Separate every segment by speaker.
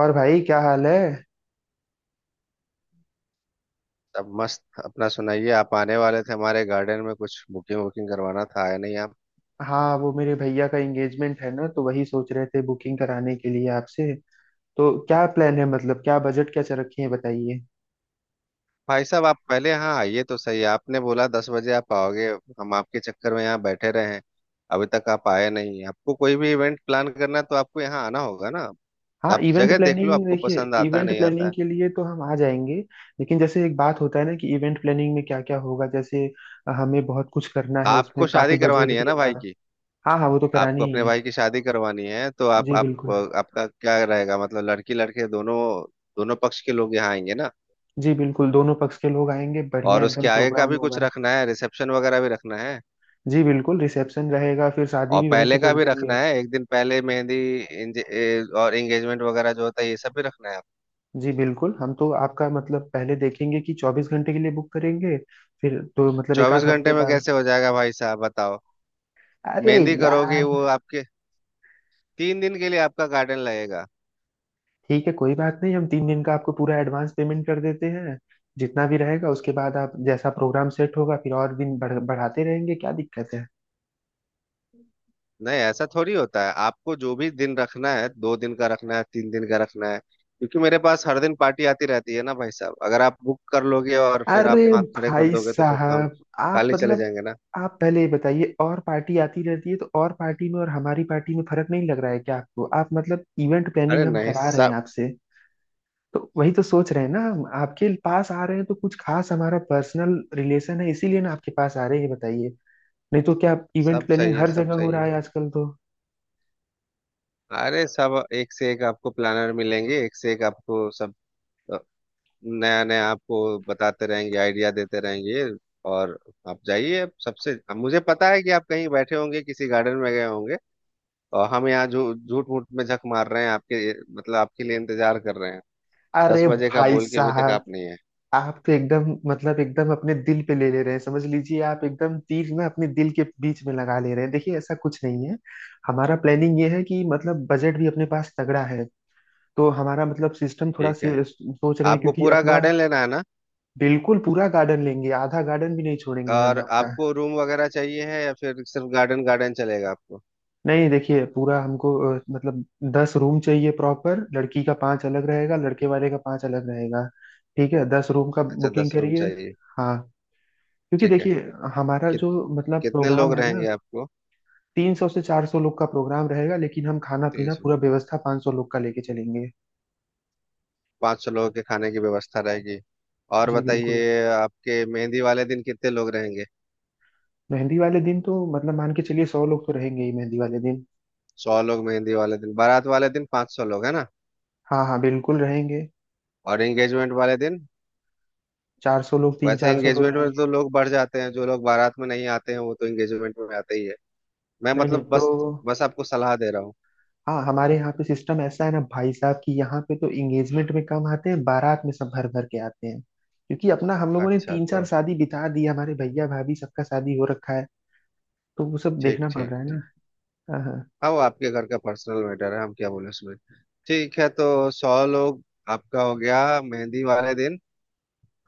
Speaker 1: और भाई क्या हाल है।
Speaker 2: सब मस्त। अपना सुनाइए। आप आने वाले थे हमारे गार्डन में, कुछ बुकिंग वुकिंग करवाना था, आया नहीं आप?
Speaker 1: हाँ, वो मेरे भैया का एंगेजमेंट है ना, तो वही सोच रहे थे बुकिंग कराने के लिए आपसे। तो क्या प्लान है, मतलब क्या बजट क्या रखी है बताइए।
Speaker 2: भाई साहब आप पहले यहाँ आइए तो सही। आपने बोला 10 बजे आप आओगे, हम आपके चक्कर में यहाँ बैठे रहे हैं, अभी तक आप आए नहीं। आपको कोई भी इवेंट प्लान करना है तो आपको यहाँ आना होगा ना।
Speaker 1: हाँ,
Speaker 2: आप
Speaker 1: इवेंट
Speaker 2: जगह देख लो,
Speaker 1: प्लानिंग
Speaker 2: आपको
Speaker 1: देखिए।
Speaker 2: पसंद आता है
Speaker 1: इवेंट
Speaker 2: नहीं आता
Speaker 1: प्लानिंग
Speaker 2: है।
Speaker 1: के लिए तो हम आ जाएंगे। लेकिन जैसे एक बात होता है ना कि इवेंट प्लानिंग में क्या क्या होगा, जैसे हमें बहुत कुछ करना है, उसमें
Speaker 2: आपको
Speaker 1: काफी
Speaker 2: शादी
Speaker 1: बजट
Speaker 2: करवानी है
Speaker 1: भी
Speaker 2: ना भाई
Speaker 1: हमारा।
Speaker 2: की?
Speaker 1: हाँ हाँ, वो तो
Speaker 2: आपको
Speaker 1: करानी ही
Speaker 2: अपने
Speaker 1: है।
Speaker 2: भाई की शादी करवानी है तो आप
Speaker 1: जी
Speaker 2: आप
Speaker 1: बिल्कुल।
Speaker 2: आपका क्या रहेगा मतलब लड़की लड़के दोनों, दोनों पक्ष के लोग यहाँ आएंगे ना?
Speaker 1: जी बिल्कुल, दोनों पक्ष के लोग आएंगे, बढ़िया
Speaker 2: और उसके
Speaker 1: एकदम
Speaker 2: आगे का
Speaker 1: प्रोग्राम
Speaker 2: भी कुछ
Speaker 1: होगा।
Speaker 2: रखना है, रिसेप्शन वगैरह भी रखना है?
Speaker 1: जी बिल्कुल, रिसेप्शन रहेगा, फिर शादी
Speaker 2: और
Speaker 1: भी वहीं से
Speaker 2: पहले का
Speaker 1: कर
Speaker 2: भी
Speaker 1: देंगे।
Speaker 2: रखना है, एक दिन पहले मेहंदी, और एंगेजमेंट वगैरह जो होता है ये सब भी रखना है आप?
Speaker 1: जी बिल्कुल, हम तो आपका मतलब पहले देखेंगे कि 24 घंटे के लिए बुक करेंगे। फिर तो मतलब एक
Speaker 2: चौबीस
Speaker 1: आध हफ्ते
Speaker 2: घंटे में
Speaker 1: बाद।
Speaker 2: कैसे हो जाएगा भाई साहब बताओ।
Speaker 1: अरे
Speaker 2: मेहंदी करोगे
Speaker 1: यार।
Speaker 2: वो आपके। 3 दिन के लिए आपका गार्डन लगेगा।
Speaker 1: ठीक है कोई बात नहीं, हम 3 दिन का आपको पूरा एडवांस पेमेंट कर देते हैं जितना भी रहेगा, उसके बाद आप जैसा प्रोग्राम सेट होगा फिर और दिन बढ़ाते रहेंगे, क्या दिक्कत है।
Speaker 2: नहीं ऐसा थोड़ी होता है, आपको जो भी दिन रखना है, 2 दिन का रखना है, 3 दिन का रखना है, क्योंकि मेरे पास हर दिन पार्टी आती रहती है ना भाई साहब। अगर आप बुक कर लोगे और फिर आप
Speaker 1: अरे
Speaker 2: हाथ खड़े कर
Speaker 1: भाई
Speaker 2: दोगे तो फिर तो हम
Speaker 1: साहब, आप
Speaker 2: खाली चले
Speaker 1: मतलब।
Speaker 2: जाएंगे ना।
Speaker 1: आप पहले ये बताइए, और पार्टी आती रहती है तो और पार्टी में और हमारी पार्टी में फर्क नहीं लग रहा है क्या आपको? आप मतलब इवेंट
Speaker 2: अरे
Speaker 1: प्लानिंग हम
Speaker 2: नहीं,
Speaker 1: करा रहे हैं
Speaker 2: सब
Speaker 1: आपसे। तो वही तो सोच रहे हैं ना, हम आपके पास आ रहे हैं तो कुछ खास हमारा पर्सनल रिलेशन है इसीलिए ना आपके पास आ रहे हैं, ये बताइए। नहीं तो क्या इवेंट
Speaker 2: सब
Speaker 1: प्लानिंग
Speaker 2: सही है।
Speaker 1: हर
Speaker 2: सब
Speaker 1: जगह हो
Speaker 2: सही
Speaker 1: रहा
Speaker 2: है।
Speaker 1: है आजकल तो।
Speaker 2: अरे सब एक से एक आपको प्लानर मिलेंगे, एक से एक आपको सब, अ, नया नया आपको बताते रहेंगे, आइडिया देते रहेंगे। और आप जाइए, आप सबसे। अब मुझे पता है कि आप कहीं बैठे होंगे, किसी गार्डन में गए होंगे, और हम यहाँ जो झूठ मूठ में झक मार रहे हैं आपके, मतलब आपके लिए इंतजार कर रहे हैं। दस
Speaker 1: अरे
Speaker 2: बजे का
Speaker 1: भाई
Speaker 2: बोल के अभी तक
Speaker 1: साहब,
Speaker 2: आप नहीं है।
Speaker 1: आप तो एकदम मतलब एकदम अपने दिल पे ले ले रहे हैं, समझ लीजिए आप एकदम तीर ना अपने दिल के बीच में लगा ले रहे हैं, देखिए ऐसा कुछ नहीं है। हमारा प्लानिंग ये है कि मतलब बजट भी अपने पास तगड़ा है। तो हमारा मतलब सिस्टम थोड़ा
Speaker 2: ठीक है।
Speaker 1: से सोच रहे हैं
Speaker 2: आपको
Speaker 1: क्योंकि
Speaker 2: पूरा
Speaker 1: अपना।
Speaker 2: गार्डन लेना है ना?
Speaker 1: बिल्कुल पूरा गार्डन लेंगे, आधा गार्डन भी नहीं छोड़ेंगे हम
Speaker 2: और
Speaker 1: आपका।
Speaker 2: आपको रूम वगैरह चाहिए है या फिर सिर्फ गार्डन गार्डन चलेगा आपको?
Speaker 1: नहीं देखिए, पूरा हमको मतलब 10 रूम चाहिए प्रॉपर, लड़की का 5 अलग रहेगा, लड़के वाले का 5 अलग रहेगा। ठीक है, 10 रूम का
Speaker 2: अच्छा,
Speaker 1: बुकिंग
Speaker 2: 10 रूम
Speaker 1: करिए।
Speaker 2: चाहिए।
Speaker 1: हाँ। क्योंकि
Speaker 2: ठीक है,
Speaker 1: देखिए हमारा
Speaker 2: कित,
Speaker 1: जो मतलब
Speaker 2: कितने
Speaker 1: प्रोग्राम
Speaker 2: लोग
Speaker 1: है ना,
Speaker 2: रहेंगे आप?
Speaker 1: 300 से 400 लोग का प्रोग्राम रहेगा, लेकिन हम खाना पीना
Speaker 2: तेज।
Speaker 1: पूरा व्यवस्था 500 लोग का लेके चलेंगे।
Speaker 2: 500 लोगों के खाने की व्यवस्था रहेगी। और
Speaker 1: जी बिल्कुल।
Speaker 2: बताइए आपके मेहंदी वाले दिन कितने लोग रहेंगे?
Speaker 1: मेहंदी वाले दिन तो मतलब मान के चलिए 100 लोग तो रहेंगे ही मेहंदी वाले दिन।
Speaker 2: 100 लोग मेहंदी वाले दिन, बारात वाले दिन 500 लोग है ना?
Speaker 1: हाँ हाँ बिल्कुल रहेंगे।
Speaker 2: और एंगेजमेंट वाले दिन?
Speaker 1: 400 लोग, तीन
Speaker 2: वैसे
Speaker 1: चार सौ लोग
Speaker 2: एंगेजमेंट में
Speaker 1: रहेंगे।
Speaker 2: तो लोग बढ़ जाते हैं, जो लोग बारात में नहीं आते हैं वो तो एंगेजमेंट में आते ही है। मैं
Speaker 1: नहीं नहीं
Speaker 2: मतलब
Speaker 1: तो।
Speaker 2: बस बस आपको सलाह दे रहा हूँ।
Speaker 1: हाँ, हमारे यहाँ पे सिस्टम ऐसा है ना भाई साहब कि यहाँ पे तो एंगेजमेंट में कम आते हैं, बारात में सब भर भर के आते हैं, क्योंकि अपना हम लोगों ने
Speaker 2: अच्छा
Speaker 1: तीन चार
Speaker 2: तो
Speaker 1: शादी बिता दी, हमारे भैया भाभी सबका शादी हो रखा है। तो वो सब
Speaker 2: ठीक
Speaker 1: देखना पड़
Speaker 2: ठीक
Speaker 1: रहा है ना।
Speaker 2: ठीक।
Speaker 1: हाँ हाँ।
Speaker 2: हाँ वो आपके घर का पर्सनल मैटर है, हम क्या बोले उसमें। ठीक है तो 100 लोग आपका हो गया मेहंदी वाले दिन,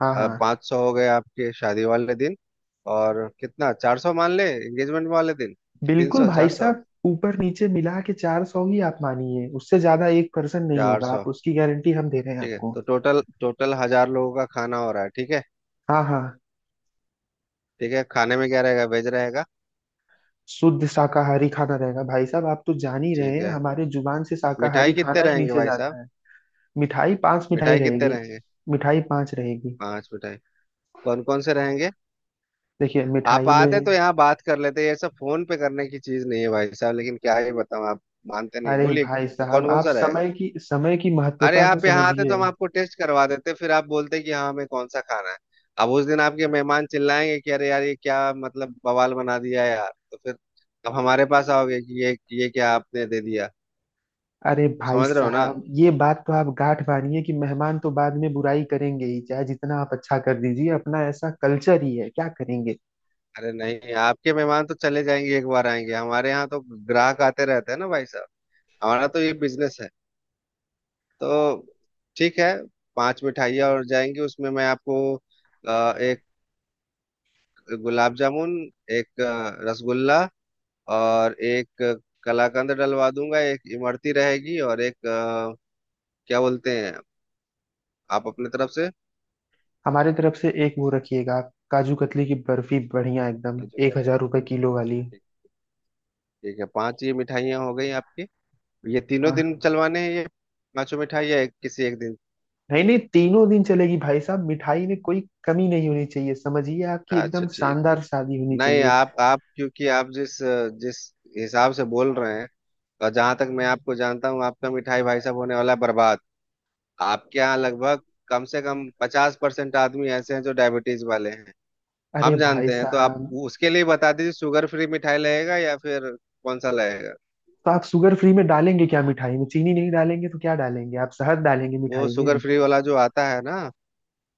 Speaker 1: हाँ हाँ
Speaker 2: 500 हो गए आपके शादी वाले दिन, और कितना 400 मान ले एंगेजमेंट वाले दिन। तीन
Speaker 1: बिल्कुल
Speaker 2: सौ
Speaker 1: भाई
Speaker 2: 400।
Speaker 1: साहब, ऊपर नीचे मिला के 400 ही आप मानिए, उससे ज्यादा एक पर्सन नहीं
Speaker 2: चार
Speaker 1: होगा,
Speaker 2: सौ
Speaker 1: आप उसकी गारंटी हम दे रहे हैं
Speaker 2: ठीक है,
Speaker 1: आपको।
Speaker 2: तो टोटल टोटल 1,000 लोगों का खाना हो रहा है। ठीक है।
Speaker 1: हाँ हाँ।
Speaker 2: ठीक है, खाने में क्या रहेगा, वेज रहेगा?
Speaker 1: शुद्ध शाकाहारी खाना रहेगा भाई साहब, आप तो जान ही रहे
Speaker 2: ठीक
Speaker 1: हैं
Speaker 2: है,
Speaker 1: हमारे जुबान से
Speaker 2: मिठाई
Speaker 1: शाकाहारी खाना
Speaker 2: कितने
Speaker 1: ही
Speaker 2: रहेंगे
Speaker 1: नीचे
Speaker 2: भाई साहब?
Speaker 1: जाता है। मिठाई 5 मिठाई
Speaker 2: मिठाई कितने
Speaker 1: रहेगी।
Speaker 2: रहेंगे?
Speaker 1: मिठाई पांच रहेगी।
Speaker 2: पांच मिठाई। कौन कौन से रहेंगे?
Speaker 1: देखिए
Speaker 2: आप
Speaker 1: मिठाई
Speaker 2: आते तो
Speaker 1: में।
Speaker 2: यहाँ बात कर लेते, ये सब फोन पे करने की चीज नहीं है भाई साहब, लेकिन क्या ही बताऊं, आप मानते नहीं
Speaker 1: अरे
Speaker 2: बोलिए।
Speaker 1: भाई साहब,
Speaker 2: कौन कौन
Speaker 1: आप
Speaker 2: सा रहेगा?
Speaker 1: समय की
Speaker 2: अरे
Speaker 1: महत्वता को
Speaker 2: आप यहाँ आते तो
Speaker 1: समझिए।
Speaker 2: हम आपको टेस्ट करवा देते, फिर आप बोलते कि हाँ हमें कौन सा खाना है। अब उस दिन आपके मेहमान चिल्लाएंगे कि अरे यार ये क्या मतलब बवाल बना दिया है यार, तो फिर अब हमारे पास आओगे कि ये क्या आपने दे दिया।
Speaker 1: अरे भाई
Speaker 2: समझ रहे हो ना?
Speaker 1: साहब, ये बात तो आप गांठ बांधिए कि मेहमान तो बाद में बुराई करेंगे ही, चाहे जितना आप अच्छा कर दीजिए, अपना ऐसा कल्चर ही है, क्या करेंगे।
Speaker 2: अरे नहीं, आपके मेहमान तो चले जाएंगे, एक बार आएंगे हमारे यहाँ तो। ग्राहक आते रहते हैं ना भाई साहब, हमारा तो ये बिजनेस है। तो ठीक है, पांच मिठाइयाँ और जाएंगी उसमें। मैं आपको एक गुलाब जामुन, एक रसगुल्ला, और एक कलाकंद डलवा दूंगा, एक इमरती रहेगी, और एक क्या बोलते हैं, आप अपने तरफ से,
Speaker 1: हमारे तरफ से एक वो रखिएगा आप, काजू कतली की बर्फी, बढ़िया एकदम,
Speaker 2: जो
Speaker 1: एक
Speaker 2: कहते
Speaker 1: हजार
Speaker 2: हैं कि
Speaker 1: रुपए
Speaker 2: इमरती।
Speaker 1: किलो वाली।
Speaker 2: ठीक। ठीक है, पांच ये मिठाइयाँ हो गई आपकी। ये तीनों
Speaker 1: हाँ।
Speaker 2: दिन चलवाने हैं ये पांचों मिठाइयाँ, एक किसी एक दिन।
Speaker 1: नहीं नहीं, तीनों दिन चलेगी भाई साहब, मिठाई में कोई कमी नहीं होनी चाहिए, समझिए आपकी एकदम
Speaker 2: अच्छा ठीक।
Speaker 1: शानदार शादी होनी
Speaker 2: नहीं,
Speaker 1: चाहिए।
Speaker 2: आप क्योंकि आप जिस जिस हिसाब से बोल रहे हैं, और जहां तक मैं आपको जानता हूँ, आपका मिठाई भाई साहब होने वाला है बर्बाद। आपके यहाँ लगभग कम से कम 50% आदमी ऐसे हैं जो डायबिटीज वाले हैं,
Speaker 1: अरे
Speaker 2: हम
Speaker 1: भाई
Speaker 2: जानते हैं। तो आप
Speaker 1: साहब।
Speaker 2: उसके लिए बता दीजिए, शुगर फ्री मिठाई लगेगा या फिर कौन सा लगेगा।
Speaker 1: तो आप शुगर फ्री में डालेंगे क्या, मिठाई में चीनी नहीं डालेंगे तो क्या डालेंगे आप, शहद डालेंगे
Speaker 2: वो
Speaker 1: मिठाई
Speaker 2: शुगर
Speaker 1: में?
Speaker 2: फ्री वाला जो आता है ना,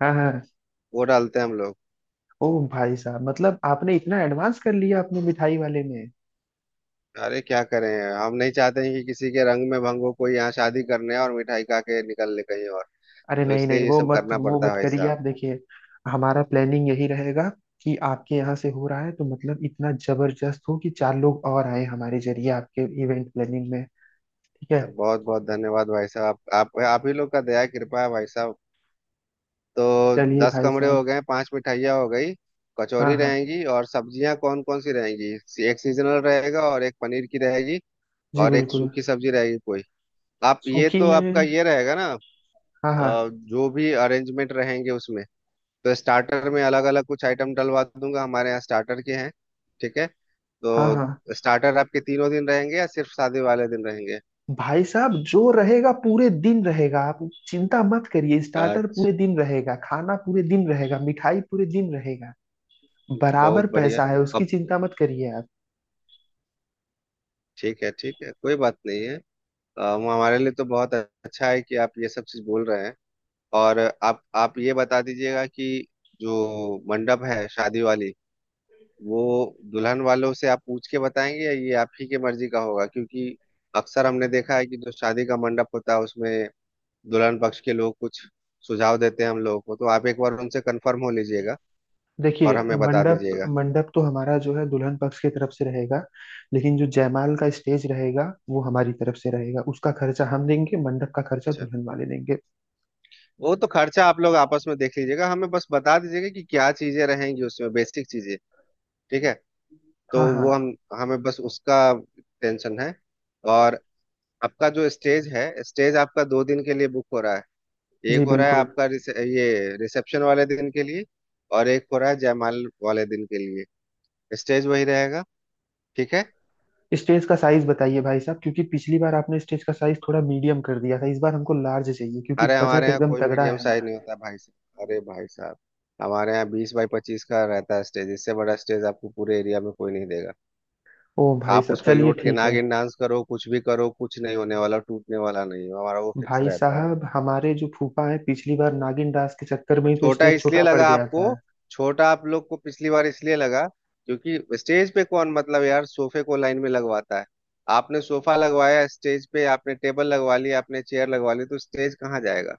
Speaker 1: हाँ हाँ।
Speaker 2: वो डालते हैं हम लोग।
Speaker 1: ओ भाई साहब, मतलब आपने इतना एडवांस कर लिया अपने मिठाई वाले में।
Speaker 2: अरे क्या करें, हम नहीं चाहते हैं कि किसी के रंग में भंग हो, कोई यहाँ शादी करने और मिठाई खा के निकल ले कहीं और,
Speaker 1: अरे
Speaker 2: तो
Speaker 1: नहीं नहीं,
Speaker 2: इसलिए ये
Speaker 1: वो
Speaker 2: सब
Speaker 1: मत
Speaker 2: करना
Speaker 1: वो
Speaker 2: पड़ता है
Speaker 1: मत
Speaker 2: भाई
Speaker 1: करिए
Speaker 2: साहब।
Speaker 1: आप, देखिए हमारा प्लानिंग यही रहेगा कि आपके यहाँ से हो रहा है तो मतलब इतना जबरदस्त हो कि चार लोग और आए हमारे जरिए आपके इवेंट प्लानिंग में। ठीक है।
Speaker 2: बहुत बहुत धन्यवाद भाई साहब, आप ही लोग का दया कृपा है भाई साहब। तो
Speaker 1: चलिए
Speaker 2: दस
Speaker 1: भाई
Speaker 2: कमरे हो
Speaker 1: साहब।
Speaker 2: गए, पांच मिठाइयाँ हो गई।
Speaker 1: हाँ
Speaker 2: कचौरी
Speaker 1: हाँ।
Speaker 2: रहेंगी और सब्जियां कौन कौन सी रहेंगी? एक सीजनल रहेगा और एक पनीर की रहेगी,
Speaker 1: जी
Speaker 2: और एक
Speaker 1: बिल्कुल।
Speaker 2: सूखी सब्जी रहेगी कोई। आप ये
Speaker 1: सूखी
Speaker 2: तो आपका
Speaker 1: में।
Speaker 2: ये रहेगा ना,
Speaker 1: हाँ हाँ।
Speaker 2: जो भी अरेंजमेंट रहेंगे उसमें, तो स्टार्टर में अलग अलग कुछ आइटम डलवा दूंगा, हमारे यहाँ स्टार्टर के हैं। ठीक है,
Speaker 1: हाँ हाँ
Speaker 2: तो स्टार्टर आपके तीनों दिन रहेंगे या सिर्फ शादी वाले दिन रहेंगे?
Speaker 1: भाई साहब, जो रहेगा पूरे दिन रहेगा, आप चिंता मत करिए, स्टार्टर पूरे
Speaker 2: अच्छा।
Speaker 1: दिन रहेगा, खाना पूरे दिन रहेगा, मिठाई पूरे दिन रहेगा।
Speaker 2: बहुत
Speaker 1: बराबर
Speaker 2: बढ़िया।
Speaker 1: पैसा है, उसकी
Speaker 2: अब
Speaker 1: चिंता मत करिए आप।
Speaker 2: ठीक है ठीक है, कोई बात नहीं है। वो हमारे लिए तो बहुत अच्छा है कि आप ये सब चीज बोल रहे हैं। और आप ये बता दीजिएगा कि जो मंडप है शादी वाली, वो दुल्हन वालों से आप पूछ के बताएंगे या ये आप ही के मर्जी का होगा, क्योंकि अक्सर हमने देखा है कि जो शादी का मंडप होता है उसमें दुल्हन पक्ष के लोग कुछ सुझाव देते हैं हम लोगों को, तो आप एक बार उनसे कंफर्म हो लीजिएगा
Speaker 1: देखिए
Speaker 2: और हमें बता
Speaker 1: मंडप,
Speaker 2: दीजिएगा।
Speaker 1: मंडप तो हमारा जो है दुल्हन पक्ष की तरफ से रहेगा, लेकिन जो जयमाल का स्टेज रहेगा वो हमारी तरफ से रहेगा, उसका खर्चा हम देंगे, मंडप का खर्चा
Speaker 2: अच्छा,
Speaker 1: दुल्हन वाले देंगे।
Speaker 2: वो तो खर्चा आप लोग आपस में देख लीजिएगा, हमें बस बता दीजिएगा कि क्या चीजें रहेंगी उसमें, बेसिक चीजें। ठीक है, तो
Speaker 1: हाँ हाँ।
Speaker 2: वो हम हमें बस उसका टेंशन है। और आपका जो स्टेज है, स्टेज आपका 2 दिन के लिए बुक हो रहा है, एक
Speaker 1: जी
Speaker 2: हो रहा है
Speaker 1: बिल्कुल।
Speaker 2: आपका ये रिसेप्शन वाले दिन के लिए, और एक हो रहा है जयमाल वाले दिन के लिए। स्टेज वही रहेगा। ठीक है।
Speaker 1: स्टेज का साइज बताइए भाई साहब, क्योंकि पिछली बार आपने स्टेज का साइज थोड़ा मीडियम कर दिया था, इस बार हमको लार्ज चाहिए क्योंकि
Speaker 2: अरे हमारे
Speaker 1: बजट
Speaker 2: यहाँ
Speaker 1: एकदम
Speaker 2: कोई
Speaker 1: तगड़ा
Speaker 2: मीडियम
Speaker 1: है
Speaker 2: साइज
Speaker 1: हमारा।
Speaker 2: नहीं होता भाई साहब, अरे भाई साहब हमारे यहाँ 20x25 का रहता है स्टेज, इससे बड़ा स्टेज आपको पूरे एरिया में कोई नहीं देगा।
Speaker 1: ओ भाई
Speaker 2: आप
Speaker 1: साहब
Speaker 2: उस पर
Speaker 1: चलिए
Speaker 2: लौट के
Speaker 1: ठीक है।
Speaker 2: नागिन डांस करो, कुछ भी करो, कुछ नहीं होने वाला, टूटने वाला नहीं है हमारा, वो फिक्स
Speaker 1: भाई
Speaker 2: रहता है।
Speaker 1: साहब, हमारे जो फूफा है पिछली बार नागिन दास के चक्कर में ही तो
Speaker 2: छोटा
Speaker 1: स्टेज
Speaker 2: इसलिए
Speaker 1: छोटा पड़
Speaker 2: लगा
Speaker 1: गया
Speaker 2: आपको,
Speaker 1: था।
Speaker 2: छोटा आप लोग को पिछली बार इसलिए लगा क्योंकि स्टेज पे कौन मतलब यार सोफे को लाइन में लगवाता है? आपने सोफा लगवाया स्टेज पे, आपने टेबल लगवा ली, आपने चेयर लगवा ली, तो स्टेज कहाँ जाएगा?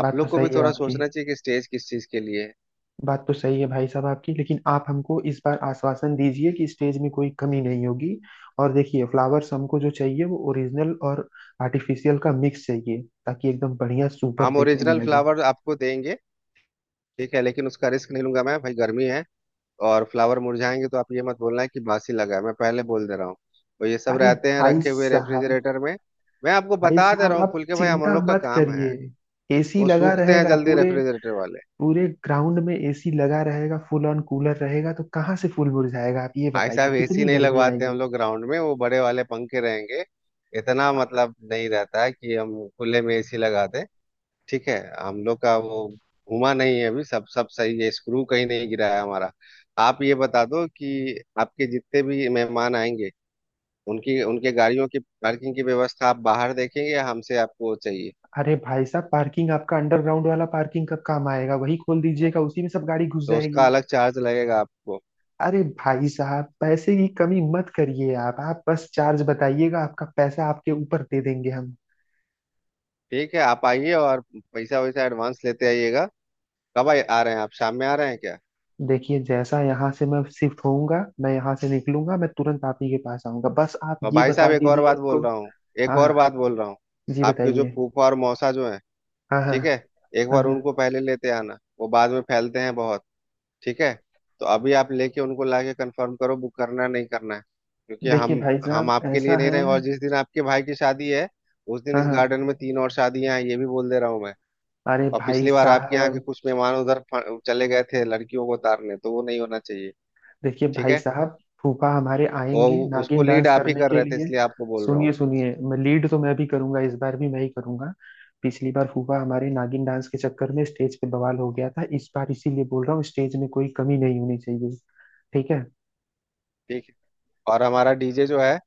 Speaker 2: आप
Speaker 1: बात तो
Speaker 2: लोग को भी
Speaker 1: सही है
Speaker 2: थोड़ा
Speaker 1: आपकी।
Speaker 2: सोचना चाहिए कि स्टेज किस चीज के लिए है।
Speaker 1: बात तो सही है भाई साहब आपकी, लेकिन आप हमको इस बार आश्वासन दीजिए कि स्टेज में कोई कमी नहीं होगी। और देखिए, फ्लावर्स हमको जो चाहिए वो ओरिजिनल और आर्टिफिशियल का मिक्स चाहिए, ताकि एकदम बढ़िया सुपर
Speaker 2: हम
Speaker 1: देखने में
Speaker 2: ओरिजिनल
Speaker 1: लगे।
Speaker 2: फ्लावर आपको देंगे, ठीक है, लेकिन उसका रिस्क नहीं लूंगा मैं भाई, गर्मी है, और फ्लावर मुरझाएंगे तो आप ये मत बोलना है कि बासी लगा है, मैं पहले बोल दे रहा हूँ। तो ये सब
Speaker 1: अरे
Speaker 2: रहते हैं
Speaker 1: भाई
Speaker 2: रखे हुए
Speaker 1: साहब।
Speaker 2: रेफ्रिजरेटर में, मैं आपको
Speaker 1: भाई
Speaker 2: बता दे
Speaker 1: साहब
Speaker 2: रहा हूँ
Speaker 1: आप
Speaker 2: खुल के भाई, हम
Speaker 1: चिंता
Speaker 2: लोग का
Speaker 1: मत
Speaker 2: काम है।
Speaker 1: करिए, एसी
Speaker 2: वो
Speaker 1: लगा
Speaker 2: सूखते हैं
Speaker 1: रहेगा
Speaker 2: जल्दी
Speaker 1: पूरे,
Speaker 2: रेफ्रिजरेटर वाले।
Speaker 1: पूरे ग्राउंड में एसी लगा रहेगा, फुल ऑन कूलर रहेगा, तो कहाँ से फूल मुरझाएगा, आप ये
Speaker 2: भाई
Speaker 1: बताइए
Speaker 2: साहब एसी
Speaker 1: कितनी
Speaker 2: नहीं
Speaker 1: गर्मी
Speaker 2: लगवाते हम
Speaker 1: आएगी।
Speaker 2: लोग ग्राउंड में, वो बड़े वाले पंखे रहेंगे। इतना
Speaker 1: अ-
Speaker 2: मतलब नहीं रहता है कि हम खुले में एसी लगा दें। ठीक है, हम लोग का वो घुमा नहीं है अभी, सब सब सही है, स्क्रू कहीं नहीं गिरा है हमारा। आप ये बता दो कि आपके जितने भी मेहमान आएंगे, उनकी उनके गाड़ियों की पार्किंग की व्यवस्था आप बाहर देखेंगे या हमसे आपको चाहिए?
Speaker 1: अरे भाई साहब, पार्किंग आपका अंडरग्राउंड वाला पार्किंग कब काम आएगा, वही खोल दीजिएगा, उसी में सब गाड़ी घुस
Speaker 2: तो उसका
Speaker 1: जाएगी।
Speaker 2: अलग चार्ज लगेगा आपको।
Speaker 1: अरे भाई साहब, पैसे की कमी मत करिए आप बस चार्ज बताइएगा आपका, पैसा आपके ऊपर दे देंगे हम।
Speaker 2: ठीक है, आप आइए और पैसा वैसा एडवांस लेते आइएगा। कब आ आ रहे हैं आप, शाम में आ रहे हैं क्या?
Speaker 1: देखिए जैसा यहाँ से मैं शिफ्ट होऊंगा, मैं यहाँ से निकलूंगा, मैं तुरंत आप ही के पास आऊंगा, बस आप
Speaker 2: और
Speaker 1: ये
Speaker 2: भाई
Speaker 1: बता
Speaker 2: साहब
Speaker 1: दीजिए आपको।
Speaker 2: एक
Speaker 1: हाँ
Speaker 2: और
Speaker 1: हाँ।
Speaker 2: बात बोल रहा हूँ,
Speaker 1: जी
Speaker 2: आपके जो
Speaker 1: बताइए।
Speaker 2: फूफा और मौसा जो हैं,
Speaker 1: हाँ हाँ।
Speaker 2: ठीक है, एक
Speaker 1: हाँ
Speaker 2: बार
Speaker 1: हाँ।
Speaker 2: उनको पहले लेते आना, वो बाद में फैलते हैं बहुत। ठीक है, तो अभी आप लेके उनको लाके कंफर्म करो, बुक करना है नहीं करना है, क्योंकि
Speaker 1: देखिए भाई
Speaker 2: हम
Speaker 1: साहब
Speaker 2: आपके
Speaker 1: ऐसा
Speaker 2: लिए नहीं
Speaker 1: है।
Speaker 2: रहेंगे, और जिस दिन आपके भाई की शादी है उस दिन
Speaker 1: हाँ
Speaker 2: इस
Speaker 1: हाँ।
Speaker 2: गार्डन में तीन और शादियां हैं, ये भी बोल दे रहा हूँ मैं।
Speaker 1: अरे
Speaker 2: और
Speaker 1: भाई
Speaker 2: पिछली बार आपके यहाँ के
Speaker 1: साहब।
Speaker 2: कुछ मेहमान उधर चले गए थे लड़कियों को उतारने, तो वो नहीं होना चाहिए।
Speaker 1: देखिए
Speaker 2: ठीक
Speaker 1: भाई
Speaker 2: है।
Speaker 1: साहब, फूफा हमारे
Speaker 2: वो
Speaker 1: आएंगे
Speaker 2: उसको
Speaker 1: नागिन
Speaker 2: लीड
Speaker 1: डांस
Speaker 2: आप ही
Speaker 1: करने
Speaker 2: कर
Speaker 1: के
Speaker 2: रहे थे,
Speaker 1: लिए।
Speaker 2: इसलिए आपको बोल रहा हूँ।
Speaker 1: सुनिए सुनिए, मैं लीड तो मैं भी करूंगा, इस बार भी मैं ही करूंगा। पिछली बार फूफा हमारे नागिन डांस के चक्कर में स्टेज पे बवाल हो गया था, इस बार इसीलिए बोल रहा हूँ स्टेज में कोई कमी नहीं होनी चाहिए। ठीक है।
Speaker 2: ठीक है। और हमारा डीजे जो है,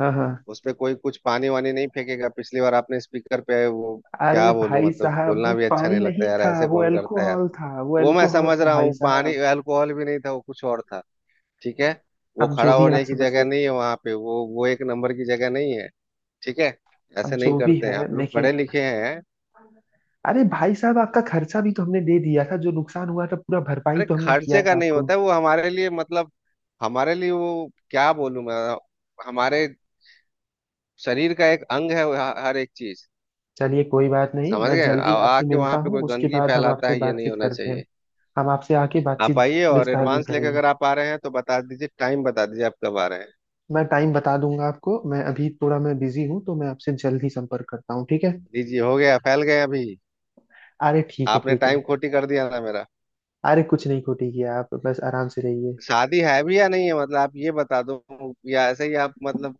Speaker 1: हाँ हाँ।
Speaker 2: उस पे कोई कुछ पानी वानी नहीं फेंकेगा, पिछली बार आपने स्पीकर पे वो।
Speaker 1: अरे
Speaker 2: क्या बोलूं
Speaker 1: भाई
Speaker 2: मतलब
Speaker 1: साहब,
Speaker 2: बोलना
Speaker 1: वो
Speaker 2: भी अच्छा
Speaker 1: पानी
Speaker 2: नहीं
Speaker 1: नहीं
Speaker 2: लगता यार,
Speaker 1: था,
Speaker 2: ऐसे
Speaker 1: वो
Speaker 2: कौन करता है यार।
Speaker 1: अल्कोहल था, वो
Speaker 2: वो मैं
Speaker 1: अल्कोहल
Speaker 2: समझ
Speaker 1: था
Speaker 2: रहा
Speaker 1: भाई
Speaker 2: हूँ, पानी
Speaker 1: साहब।
Speaker 2: अल्कोहल भी नहीं था, वो कुछ और था। ठीक है, वो
Speaker 1: अब जो
Speaker 2: खड़ा
Speaker 1: भी आप
Speaker 2: होने की
Speaker 1: समझ
Speaker 2: जगह
Speaker 1: लिए।
Speaker 2: नहीं है वहां पे, वो एक नंबर की जगह नहीं है। ठीक है,
Speaker 1: अब
Speaker 2: ऐसे नहीं
Speaker 1: जो भी
Speaker 2: करते हैं,
Speaker 1: है,
Speaker 2: आप लोग पढ़े
Speaker 1: देखिए
Speaker 2: लिखे हैं।
Speaker 1: अरे भाई साहब आपका खर्चा भी तो हमने दे दिया था, जो नुकसान हुआ था पूरा भरपाई
Speaker 2: अरे
Speaker 1: तो हमने किया
Speaker 2: खर्चे का
Speaker 1: था
Speaker 2: नहीं
Speaker 1: आपको।
Speaker 2: होता है वो हमारे लिए, मतलब हमारे लिए वो क्या बोलूं मैं, हमारे शरीर का एक अंग है हर एक चीज।
Speaker 1: चलिए कोई बात नहीं,
Speaker 2: समझ
Speaker 1: मैं
Speaker 2: गए
Speaker 1: जल्दी आपसे
Speaker 2: आके
Speaker 1: मिलता
Speaker 2: वहां पे
Speaker 1: हूँ,
Speaker 2: कोई
Speaker 1: उसके
Speaker 2: गंदगी
Speaker 1: बाद हम
Speaker 2: फैलाता
Speaker 1: आपसे
Speaker 2: है, ये नहीं
Speaker 1: बातचीत
Speaker 2: होना
Speaker 1: करते हैं।
Speaker 2: चाहिए।
Speaker 1: हम आपसे आके
Speaker 2: आप
Speaker 1: बातचीत
Speaker 2: आइए और
Speaker 1: विस्तार में
Speaker 2: एडवांस लेके
Speaker 1: करेंगे।
Speaker 2: अगर आप आ रहे हैं तो बता दीजिए, टाइम बता दीजिए, आप कब आ रहे हैं?
Speaker 1: मैं टाइम बता दूंगा आपको, मैं अभी थोड़ा मैं बिजी हूँ, तो मैं आपसे जल्दी संपर्क करता हूँ, ठीक है।
Speaker 2: जी जी, हो गया फैल गए अभी,
Speaker 1: अरे ठीक है
Speaker 2: आपने
Speaker 1: ठीक है।
Speaker 2: टाइम खोटी कर दिया ना मेरा।
Speaker 1: अरे कुछ नहीं खोटी किया, आप बस आराम से रहिए।
Speaker 2: शादी है भी या नहीं है, मतलब आप ये बता दो, या ऐसे ही आप मतलब,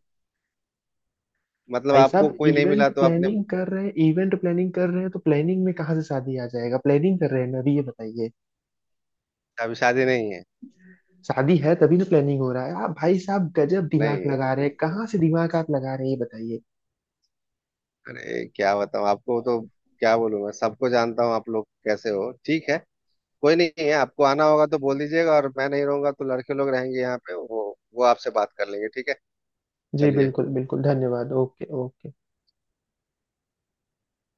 Speaker 2: मतलब
Speaker 1: भाई
Speaker 2: आपको
Speaker 1: साहब
Speaker 2: कोई नहीं मिला
Speaker 1: इवेंट
Speaker 2: तो आपने।
Speaker 1: प्लानिंग कर रहे हैं, इवेंट प्लानिंग कर रहे हैं, तो प्लानिंग में कहाँ से शादी आ जाएगा, प्लानिंग कर रहे हैं ना, अभी ये बताइए।
Speaker 2: अभी शादी नहीं है।
Speaker 1: शादी है तभी ना प्लानिंग हो रहा है, आप भाई साहब गजब दिमाग
Speaker 2: नहीं,
Speaker 1: लगा रहे हैं, कहाँ से दिमाग आप लगा रहे हैं ये बताइए।
Speaker 2: अरे क्या बताऊं आपको तो, क्या बोलूं मैं, सबको जानता हूँ आप लोग कैसे हो। ठीक है, कोई नहीं है, आपको आना होगा तो बोल दीजिएगा, और मैं नहीं रहूंगा तो लड़के लोग रहेंगे यहाँ पे, वो आपसे बात कर लेंगे ठीक है।
Speaker 1: जी
Speaker 2: चलिए।
Speaker 1: बिल्कुल बिल्कुल, धन्यवाद, ओके ओके।